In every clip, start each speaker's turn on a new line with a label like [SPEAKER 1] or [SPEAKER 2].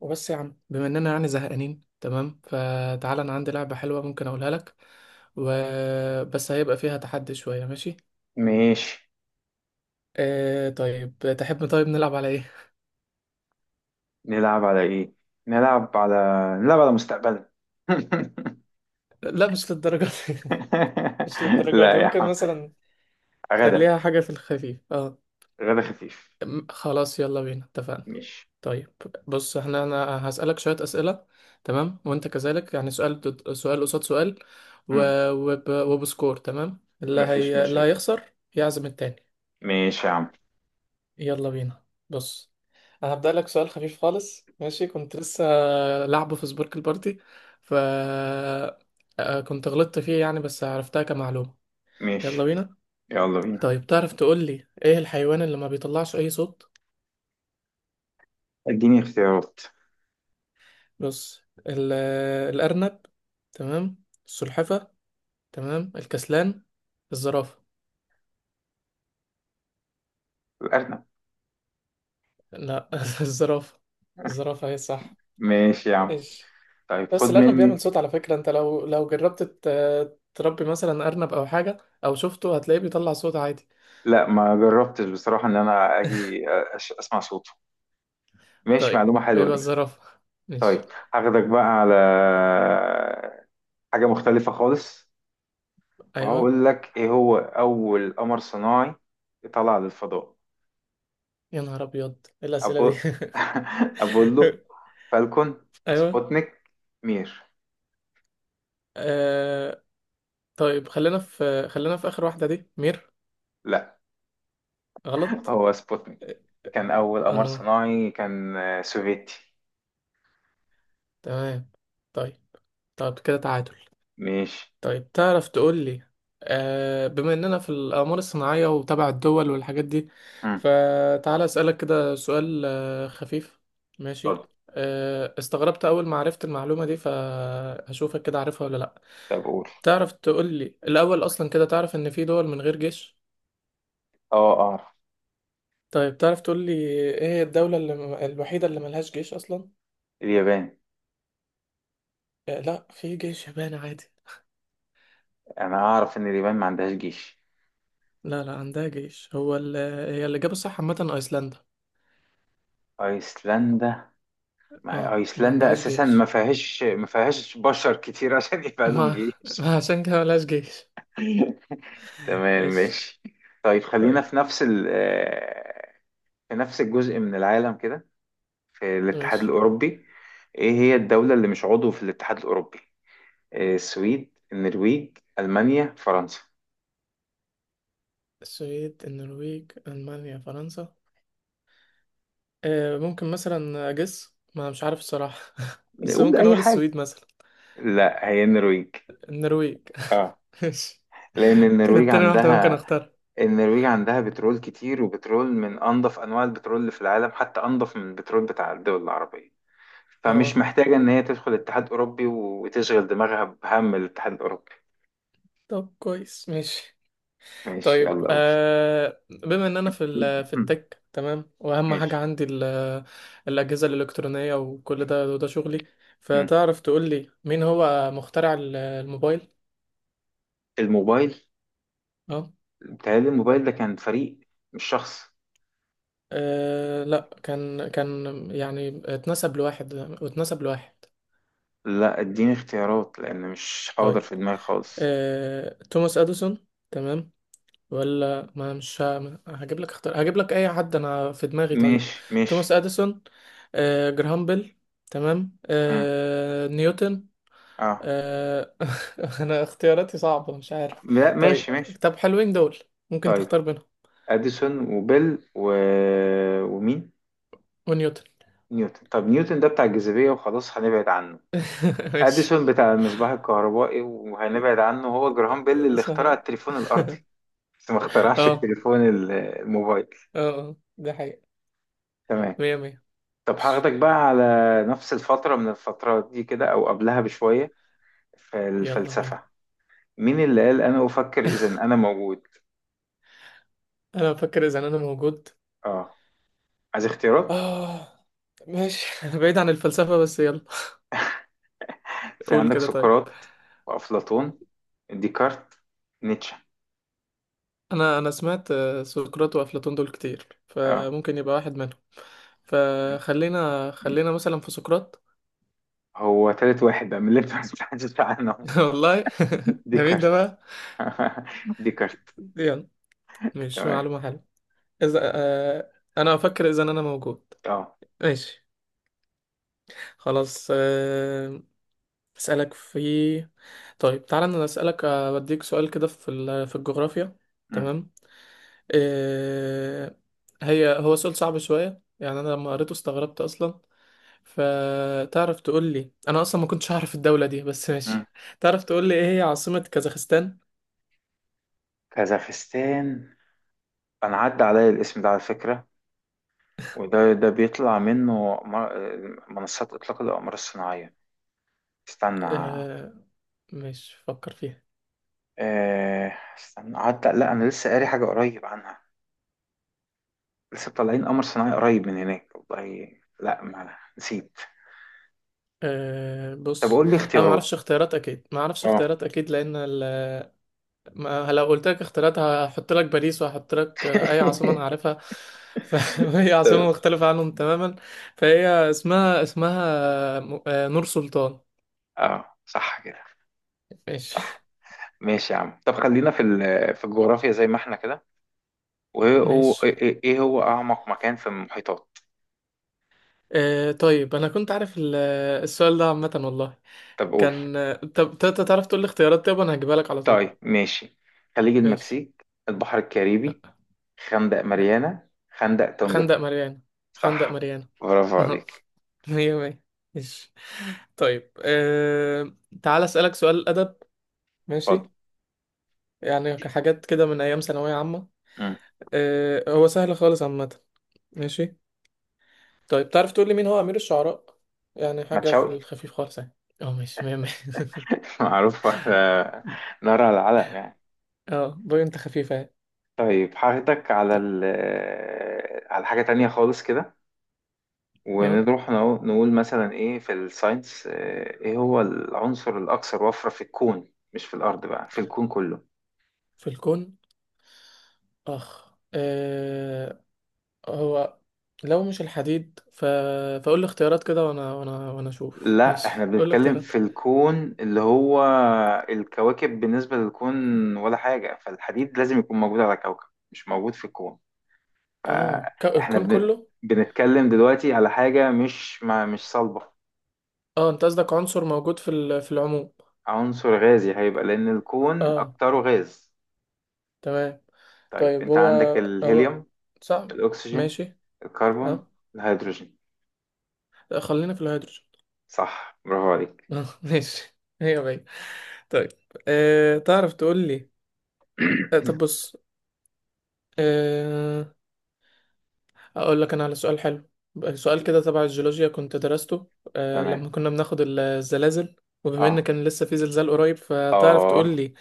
[SPEAKER 1] وبس يا عم، بما اننا يعني زهقانين تمام فتعال انا عندي لعبة حلوة ممكن اقولها لك وبس. هيبقى فيها تحدي شوية، ماشي؟
[SPEAKER 2] ماشي.
[SPEAKER 1] آه طيب، تحب طيب نلعب على ايه؟
[SPEAKER 2] نلعب على ايه؟ نلعب على نلعب على مستقبلنا.
[SPEAKER 1] لا مش للدرجة دي مش للدرجة
[SPEAKER 2] لا
[SPEAKER 1] دي،
[SPEAKER 2] يا
[SPEAKER 1] ممكن
[SPEAKER 2] عم.
[SPEAKER 1] مثلا
[SPEAKER 2] غدا.
[SPEAKER 1] خليها حاجة في الخفيف.
[SPEAKER 2] غدا خفيف.
[SPEAKER 1] خلاص يلا بينا اتفقنا.
[SPEAKER 2] ماشي.
[SPEAKER 1] طيب، بص احنا هسألك شوية أسئلة، تمام؟ وانت كذلك يعني، سؤال سؤال قصاد سؤال و...
[SPEAKER 2] مم.
[SPEAKER 1] وبسكور، تمام؟ اللي
[SPEAKER 2] مفيش
[SPEAKER 1] هي اللي
[SPEAKER 2] مشاكل.
[SPEAKER 1] هيخسر يعزم التاني.
[SPEAKER 2] ماشي يا عم.
[SPEAKER 1] يلا بينا. بص، انا هبدأ لك سؤال خفيف خالص، ماشي؟ كنت لسه لعبه في سبورك البارتي ف آه، كنت غلطت فيه يعني، بس عرفتها كمعلومة. يلا
[SPEAKER 2] ماشي،
[SPEAKER 1] بينا.
[SPEAKER 2] يلا بينا.
[SPEAKER 1] طيب، تعرف تقول لي ايه الحيوان اللي ما بيطلعش اي صوت؟
[SPEAKER 2] اديني اختيارات.
[SPEAKER 1] بص، ال... الأرنب، تمام. السلحفة، تمام. الكسلان. الزرافة.
[SPEAKER 2] الارنب.
[SPEAKER 1] لا الزرافة. الزرافة هي صح.
[SPEAKER 2] ماشي يا عم.
[SPEAKER 1] ايش؟
[SPEAKER 2] طيب، خد
[SPEAKER 1] بس الأرنب
[SPEAKER 2] مني.
[SPEAKER 1] بيعمل صوت على فكرة. أنت لو جربت تربي مثلا أرنب أو حاجة، أو شفته، هتلاقيه بيطلع صوت عادي.
[SPEAKER 2] لا، ما جربتش بصراحة ان انا اجي اسمع صوته. ماشي،
[SPEAKER 1] طيب،
[SPEAKER 2] معلومة حلوة
[SPEAKER 1] يبقى
[SPEAKER 2] دي.
[SPEAKER 1] الزرافة، ماشي.
[SPEAKER 2] طيب، هاخدك بقى على حاجة مختلفة خالص.
[SPEAKER 1] أيوه.
[SPEAKER 2] وهقول لك، ايه هو اول قمر صناعي طلع للفضاء؟
[SPEAKER 1] يا نهار أبيض، إيه الأسئلة دي؟
[SPEAKER 2] أبو... ابولو، فالكون،
[SPEAKER 1] أيوه.
[SPEAKER 2] سبوتنيك، مير.
[SPEAKER 1] آه... طيب، خلينا في آخر واحدة دي، مير.
[SPEAKER 2] لا،
[SPEAKER 1] غلط.
[SPEAKER 2] هو سبوتنيك كان اول قمر
[SPEAKER 1] اه،
[SPEAKER 2] صناعي، كان سوفيتي.
[SPEAKER 1] تمام. طيب، طب كده تعادل.
[SPEAKER 2] ماشي.
[SPEAKER 1] طيب، تعرف تقول لي، بما اننا في الاقمار الصناعيه وتبع الدول والحاجات دي،
[SPEAKER 2] مم.
[SPEAKER 1] فتعالى اسالك كده سؤال خفيف، ماشي؟
[SPEAKER 2] اتفضل.
[SPEAKER 1] استغربت اول ما عرفت المعلومه دي، فهشوفك كده عارفها ولا لا.
[SPEAKER 2] طب قول.
[SPEAKER 1] تعرف تقول لي الاول اصلا، كده تعرف ان في دول من غير جيش؟
[SPEAKER 2] اه، اعرف.
[SPEAKER 1] طيب، تعرف تقول لي ايه هي الدوله الوحيده اللي ملهاش جيش اصلا؟
[SPEAKER 2] اليابان.
[SPEAKER 1] آه لا، في جيش يابان عادي.
[SPEAKER 2] انا اعرف ان اليابان ما عندهاش جيش.
[SPEAKER 1] لا لا، عندها جيش. هي الاجابه الصح عامه ايسلندا.
[SPEAKER 2] ايسلندا. ما هي
[SPEAKER 1] اه، ما
[SPEAKER 2] ايسلندا
[SPEAKER 1] عندهاش
[SPEAKER 2] اساسا ما
[SPEAKER 1] جيش.
[SPEAKER 2] فيهاش ما فيهاش بشر كتير عشان يبقى لهم
[SPEAKER 1] ما
[SPEAKER 2] جيش.
[SPEAKER 1] ما عشان كده ملهاش جيش.
[SPEAKER 2] تمام،
[SPEAKER 1] ايش؟
[SPEAKER 2] ماشي. طيب، خلينا
[SPEAKER 1] طيب،
[SPEAKER 2] في نفس الجزء من العالم كده. في الاتحاد
[SPEAKER 1] ماشي.
[SPEAKER 2] الأوروبي، ايه هي الدولة اللي مش عضو في الاتحاد الأوروبي؟ السويد، النرويج، ألمانيا، فرنسا.
[SPEAKER 1] السويد، النرويج، ألمانيا، فرنسا. آه ممكن مثلا أجس، ما مش عارف الصراحة بس
[SPEAKER 2] نقول
[SPEAKER 1] ممكن
[SPEAKER 2] أي
[SPEAKER 1] أقول
[SPEAKER 2] حاجة.
[SPEAKER 1] السويد مثلا.
[SPEAKER 2] لا، هي النرويج.
[SPEAKER 1] النرويج؟
[SPEAKER 2] اه.
[SPEAKER 1] ماشي.
[SPEAKER 2] لأن النرويج
[SPEAKER 1] كانت تاني واحدة ممكن
[SPEAKER 2] عندها
[SPEAKER 1] أختار.
[SPEAKER 2] النرويج عندها بترول كتير، وبترول من أنظف أنواع البترول اللي في العالم، حتى أنظف من البترول بتاع الدول العربية. فمش
[SPEAKER 1] اه
[SPEAKER 2] محتاجة إن هي تدخل الاتحاد الأوروبي وتشغل دماغها بهم الاتحاد الأوروبي.
[SPEAKER 1] طب كويس، ماشي.
[SPEAKER 2] ماشي، يلا
[SPEAKER 1] طيب،
[SPEAKER 2] قول.
[SPEAKER 1] بما إن أنا في في التك، تمام، وأهم حاجة
[SPEAKER 2] ماشي.
[SPEAKER 1] عندي الأجهزة الإلكترونية وكل ده، وده شغلي،
[SPEAKER 2] مم.
[SPEAKER 1] فتعرف تقول لي مين هو مخترع الموبايل؟
[SPEAKER 2] الموبايل. بتهيألي الموبايل ده كان فريق، مش شخص.
[SPEAKER 1] لا كان، يعني اتنسب لواحد، اتنسب لواحد.
[SPEAKER 2] لا، اديني اختيارات لأن مش حاضر
[SPEAKER 1] طيب،
[SPEAKER 2] في دماغي خالص.
[SPEAKER 1] توماس اديسون، تمام. ولا ما مش هجيب لك اختار، هجيب لك اي حد انا في دماغي، طيب.
[SPEAKER 2] ماشي،
[SPEAKER 1] توماس
[SPEAKER 2] ماشي.
[SPEAKER 1] اديسون. جراهام بيل، تمام.
[SPEAKER 2] مم.
[SPEAKER 1] نيوتن.
[SPEAKER 2] اه.
[SPEAKER 1] أه انا اختياراتي صعبة، مش عارف.
[SPEAKER 2] لا، ماشي،
[SPEAKER 1] طيب،
[SPEAKER 2] ماشي.
[SPEAKER 1] طب حلوين دول، ممكن
[SPEAKER 2] طيب.
[SPEAKER 1] تختار بينهم.
[SPEAKER 2] أديسون وبيل ومين؟
[SPEAKER 1] ونيوتن.
[SPEAKER 2] نيوتن. طب نيوتن ده بتاع الجاذبية وخلاص هنبعد عنه.
[SPEAKER 1] ماشي.
[SPEAKER 2] أديسون بتاع المصباح الكهربائي وهنبعد عنه. هو جراهام بيل اللي اخترع
[SPEAKER 1] صحيح
[SPEAKER 2] التليفون الأرضي، بس ما اخترعش
[SPEAKER 1] اه
[SPEAKER 2] التليفون الموبايل.
[SPEAKER 1] اه، ده حقيقة.
[SPEAKER 2] تمام.
[SPEAKER 1] مية مية.
[SPEAKER 2] طب هاخدك بقى على نفس الفترة من الفترات دي كده، أو قبلها بشوية، في
[SPEAKER 1] يلا بينا.
[SPEAKER 2] الفلسفة. مين اللي قال أنا أفكر إذا أنا موجود؟
[SPEAKER 1] انا بفكر اذا انا موجود.
[SPEAKER 2] آه. عايز اختيارات؟
[SPEAKER 1] اه ماشي بعيد عن الفلسفة بس يلا.
[SPEAKER 2] في
[SPEAKER 1] قول
[SPEAKER 2] عندك
[SPEAKER 1] كده طيب.
[SPEAKER 2] سقراط، وأفلاطون، ديكارت، نيتشه.
[SPEAKER 1] انا سمعت سقراط وافلاطون دول كتير،
[SPEAKER 2] آه،
[SPEAKER 1] فممكن يبقى واحد منهم. فخلينا مثلا في سقراط.
[SPEAKER 2] هو تالت واحد بقى من اللي أنت ما سمعتش عنه.
[SPEAKER 1] والله. ده مين
[SPEAKER 2] ديكارت.
[SPEAKER 1] ده بقى؟
[SPEAKER 2] ديكارت.
[SPEAKER 1] يلا. مش
[SPEAKER 2] تمام.
[SPEAKER 1] معلومة حلوة؟ اذا انا افكر اذا انا موجود.
[SPEAKER 2] آه.
[SPEAKER 1] ماشي. خلاص اسالك في. طيب، تعالى انا اسالك بديك سؤال كده في في الجغرافيا،
[SPEAKER 2] مم.
[SPEAKER 1] تمام. آه، هو سؤال صعب شوية يعني. أنا لما قريته استغربت أصلا. فتعرف تقول لي، أنا أصلا ما كنتش هعرف الدولة دي بس
[SPEAKER 2] مم.
[SPEAKER 1] ماشي. تعرف تقول لي إيه هي عاصمة كازاخستان؟
[SPEAKER 2] كازاخستان. أنا عدى عليا الاسم ده على فكرة، وده بيطلع منه منصات إطلاق الأقمار الصناعية. استنى
[SPEAKER 1] آه، مش فكر فيها.
[SPEAKER 2] آه، استنى قعدت. لا، انا لسه قاري حاجه قريب عنها. لسه طالعين قمر صناعي قريب من هناك والله. لا، ما نسيت.
[SPEAKER 1] أه
[SPEAKER 2] طب
[SPEAKER 1] بص،
[SPEAKER 2] قول لي
[SPEAKER 1] انا ما
[SPEAKER 2] اختيارات.
[SPEAKER 1] اعرفش اختيارات اكيد، ما اعرفش
[SPEAKER 2] اه.
[SPEAKER 1] اختيارات اكيد لان ما لو قلت لك اختيارات هحط لك باريس، وهحط لك اي عاصمه انا عارفها، فهي عاصمه
[SPEAKER 2] طب.
[SPEAKER 1] مختلفه عنهم تماما. فهي اسمها نور سلطان.
[SPEAKER 2] اه، صح كده.
[SPEAKER 1] ماشي
[SPEAKER 2] صح. ماشي يا عم، طب خلينا في الجغرافيا زي ما احنا كده. وايه هو
[SPEAKER 1] ماشي.
[SPEAKER 2] ايه إيه إيه هو اعمق مكان في المحيطات؟
[SPEAKER 1] آه طيب، انا كنت عارف السؤال ده عامة والله.
[SPEAKER 2] طب قول.
[SPEAKER 1] كان طب تعرف تقول لي اختيارات، طيب انا هجيبها لك على طول،
[SPEAKER 2] طيب، ماشي. خليج
[SPEAKER 1] ماشي.
[SPEAKER 2] المكسيك، البحر الكاريبي،
[SPEAKER 1] لا،
[SPEAKER 2] خندق
[SPEAKER 1] لا.
[SPEAKER 2] ماريانا، خندق تونجا.
[SPEAKER 1] خندق ماريانا. خندق
[SPEAKER 2] صح،
[SPEAKER 1] ماريانا.
[SPEAKER 2] برافو عليك.
[SPEAKER 1] مية مية، ماشي. طيب آه، تعال اسألك سؤال أدب،
[SPEAKER 2] اتفضل.
[SPEAKER 1] ماشي. يعني حاجات كده من أيام ثانوية عامة، آه هو سهل خالص عامة، ماشي. طيب تعرف تقول لي مين هو أمير الشعراء؟ يعني
[SPEAKER 2] ما
[SPEAKER 1] حاجة في
[SPEAKER 2] تشوقي.
[SPEAKER 1] الخفيف خالص يعني. اه ماشي، مية مية.
[SPEAKER 2] معروف، نار على العلم يعني.
[SPEAKER 1] اه بوي، انت خفيفة يعني.
[SPEAKER 2] طيب، هاخدك على ال آه، على حاجة تانية خالص كده.
[SPEAKER 1] طيب،
[SPEAKER 2] ونروح نقول مثلا ايه في الساينس. ايه هو العنصر الأكثر وفرة في الكون؟ مش في الأرض بقى، في الكون كله.
[SPEAKER 1] في الكون. اخ آه، هو لو مش الحديد فقول لي اختيارات كده، وانا اشوف،
[SPEAKER 2] لا،
[SPEAKER 1] ماشي
[SPEAKER 2] احنا
[SPEAKER 1] قول لي
[SPEAKER 2] بنتكلم
[SPEAKER 1] اختيارات.
[SPEAKER 2] في الكون اللي هو الكواكب بالنسبة للكون ولا حاجة، فالحديد لازم يكون موجود على كوكب، مش موجود في الكون.
[SPEAKER 1] اه
[SPEAKER 2] احنا
[SPEAKER 1] الكون كله.
[SPEAKER 2] بنتكلم دلوقتي على حاجة مش ما مش صلبة.
[SPEAKER 1] اه انت قصدك عنصر موجود في في العموم.
[SPEAKER 2] عنصر غازي هيبقى، لأن الكون
[SPEAKER 1] اه،
[SPEAKER 2] أكتره غاز.
[SPEAKER 1] تمام.
[SPEAKER 2] طيب،
[SPEAKER 1] طيب
[SPEAKER 2] أنت
[SPEAKER 1] هو
[SPEAKER 2] عندك
[SPEAKER 1] هو
[SPEAKER 2] الهيليوم،
[SPEAKER 1] صح،
[SPEAKER 2] الأكسجين،
[SPEAKER 1] ماشي.
[SPEAKER 2] الكربون،
[SPEAKER 1] اه،
[SPEAKER 2] الهيدروجين.
[SPEAKER 1] خلينا في الهيدروجين.
[SPEAKER 2] صح، برافو عليك.
[SPEAKER 1] اه ماشي. هي بعيد. طيب آه، تعرف تقول لي، آه طب بص، آه، هقول لك انا على سؤال حلو. سؤال كده تبع الجيولوجيا كنت درسته
[SPEAKER 2] تمام.
[SPEAKER 1] لما كنا بناخد الزلازل. وبما ان
[SPEAKER 2] اه،
[SPEAKER 1] كان لسه في زلزال قريب، فتعرف
[SPEAKER 2] اه.
[SPEAKER 1] تقول لي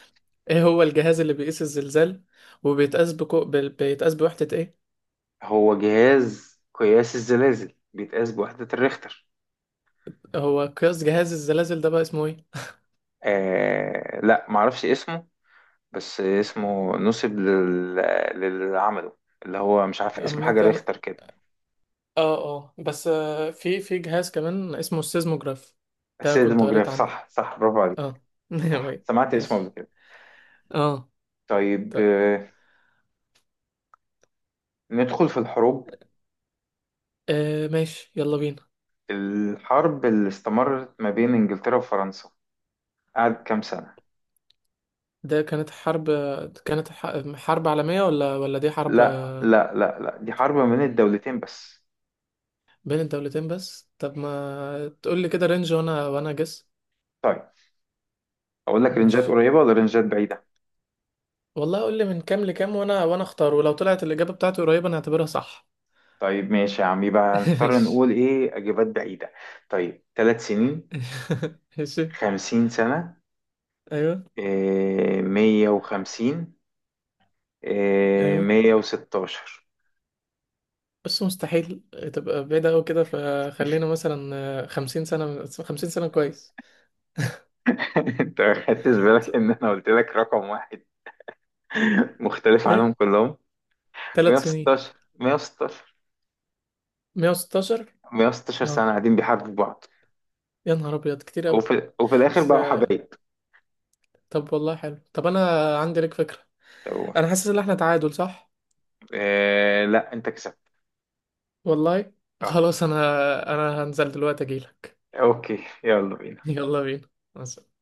[SPEAKER 1] ايه هو الجهاز اللي بيقيس الزلزال؟ وبيتقاس بيتقاس بوحدة ايه؟
[SPEAKER 2] هو جهاز قياس الزلازل بيتقاس بوحدة الريختر.
[SPEAKER 1] هو قياس جهاز الزلازل ده بقى اسمه ايه؟
[SPEAKER 2] لا، معرفش اسمه، بس اسمه نسب للي عمله، اللي هو مش عارف اسم حاجة،
[SPEAKER 1] عامة
[SPEAKER 2] ريختر كده.
[SPEAKER 1] اه اه بس في جهاز كمان اسمه السيزموجراف، ده كنت
[SPEAKER 2] سيزموجراف،
[SPEAKER 1] قريت عنه.
[SPEAKER 2] صح، صح، برافو عليك.
[SPEAKER 1] اه
[SPEAKER 2] صح، سمعت اسمه قبل
[SPEAKER 1] ماشي.
[SPEAKER 2] كده.
[SPEAKER 1] اه،
[SPEAKER 2] طيب،
[SPEAKER 1] طيب
[SPEAKER 2] ندخل في الحروب.
[SPEAKER 1] آه، ماشي يلا بينا.
[SPEAKER 2] الحرب اللي استمرت ما بين إنجلترا وفرنسا قعدت كام سنة؟
[SPEAKER 1] ده كانت حرب، كانت حرب عالمية ولا دي حرب
[SPEAKER 2] لا، لا، لا، لا، دي حرب ما بين الدولتين بس.
[SPEAKER 1] بين الدولتين بس؟ طب ما تقول لي كده رينج، وانا جس.
[SPEAKER 2] طيب، أقول لك رنجات
[SPEAKER 1] مش،
[SPEAKER 2] قريبة ولا رنجات بعيدة؟
[SPEAKER 1] والله قول لي من كام لكام، وانا اختار، ولو طلعت الإجابة بتاعتي قريبة انا هعتبرها صح.
[SPEAKER 2] طيب، ماشي يا عم، يبقى هنضطر
[SPEAKER 1] مش،
[SPEAKER 2] نقول إيه أجابات بعيدة. طيب، 3 سنين.
[SPEAKER 1] ماشي.
[SPEAKER 2] 50 سنة.
[SPEAKER 1] ايوه.
[SPEAKER 2] إيه، 150. إيه،
[SPEAKER 1] ايوه،
[SPEAKER 2] 116.
[SPEAKER 1] بس مستحيل تبقى بعيدة أوي كده، فخلينا مثلا 50 سنة. 50 سنة كويس.
[SPEAKER 2] أنت ما خدتش بالك إن أنا قلت لك رقم واحد مختلف عنهم
[SPEAKER 1] ايه،
[SPEAKER 2] كلهم.
[SPEAKER 1] 3 سنين.
[SPEAKER 2] 116، 116،
[SPEAKER 1] 116.
[SPEAKER 2] 116
[SPEAKER 1] اه،
[SPEAKER 2] سنة قاعدين بيحاربوا بعض.
[SPEAKER 1] يا نهار أبيض، كتير أوي.
[SPEAKER 2] وفي الاخر
[SPEAKER 1] بس.
[SPEAKER 2] بقوا حبايب.
[SPEAKER 1] طب والله حلو، طب انا عندي لك فكرة.
[SPEAKER 2] طب.
[SPEAKER 1] انا حاسس ان احنا تعادل، صح؟
[SPEAKER 2] لا، انت كسبت.
[SPEAKER 1] والله.
[SPEAKER 2] اه،
[SPEAKER 1] خلاص انا، انا هنزل دلوقتي اجيلك.
[SPEAKER 2] اوكي، يلا بينا.
[SPEAKER 1] يلا بينا. مع السلامة.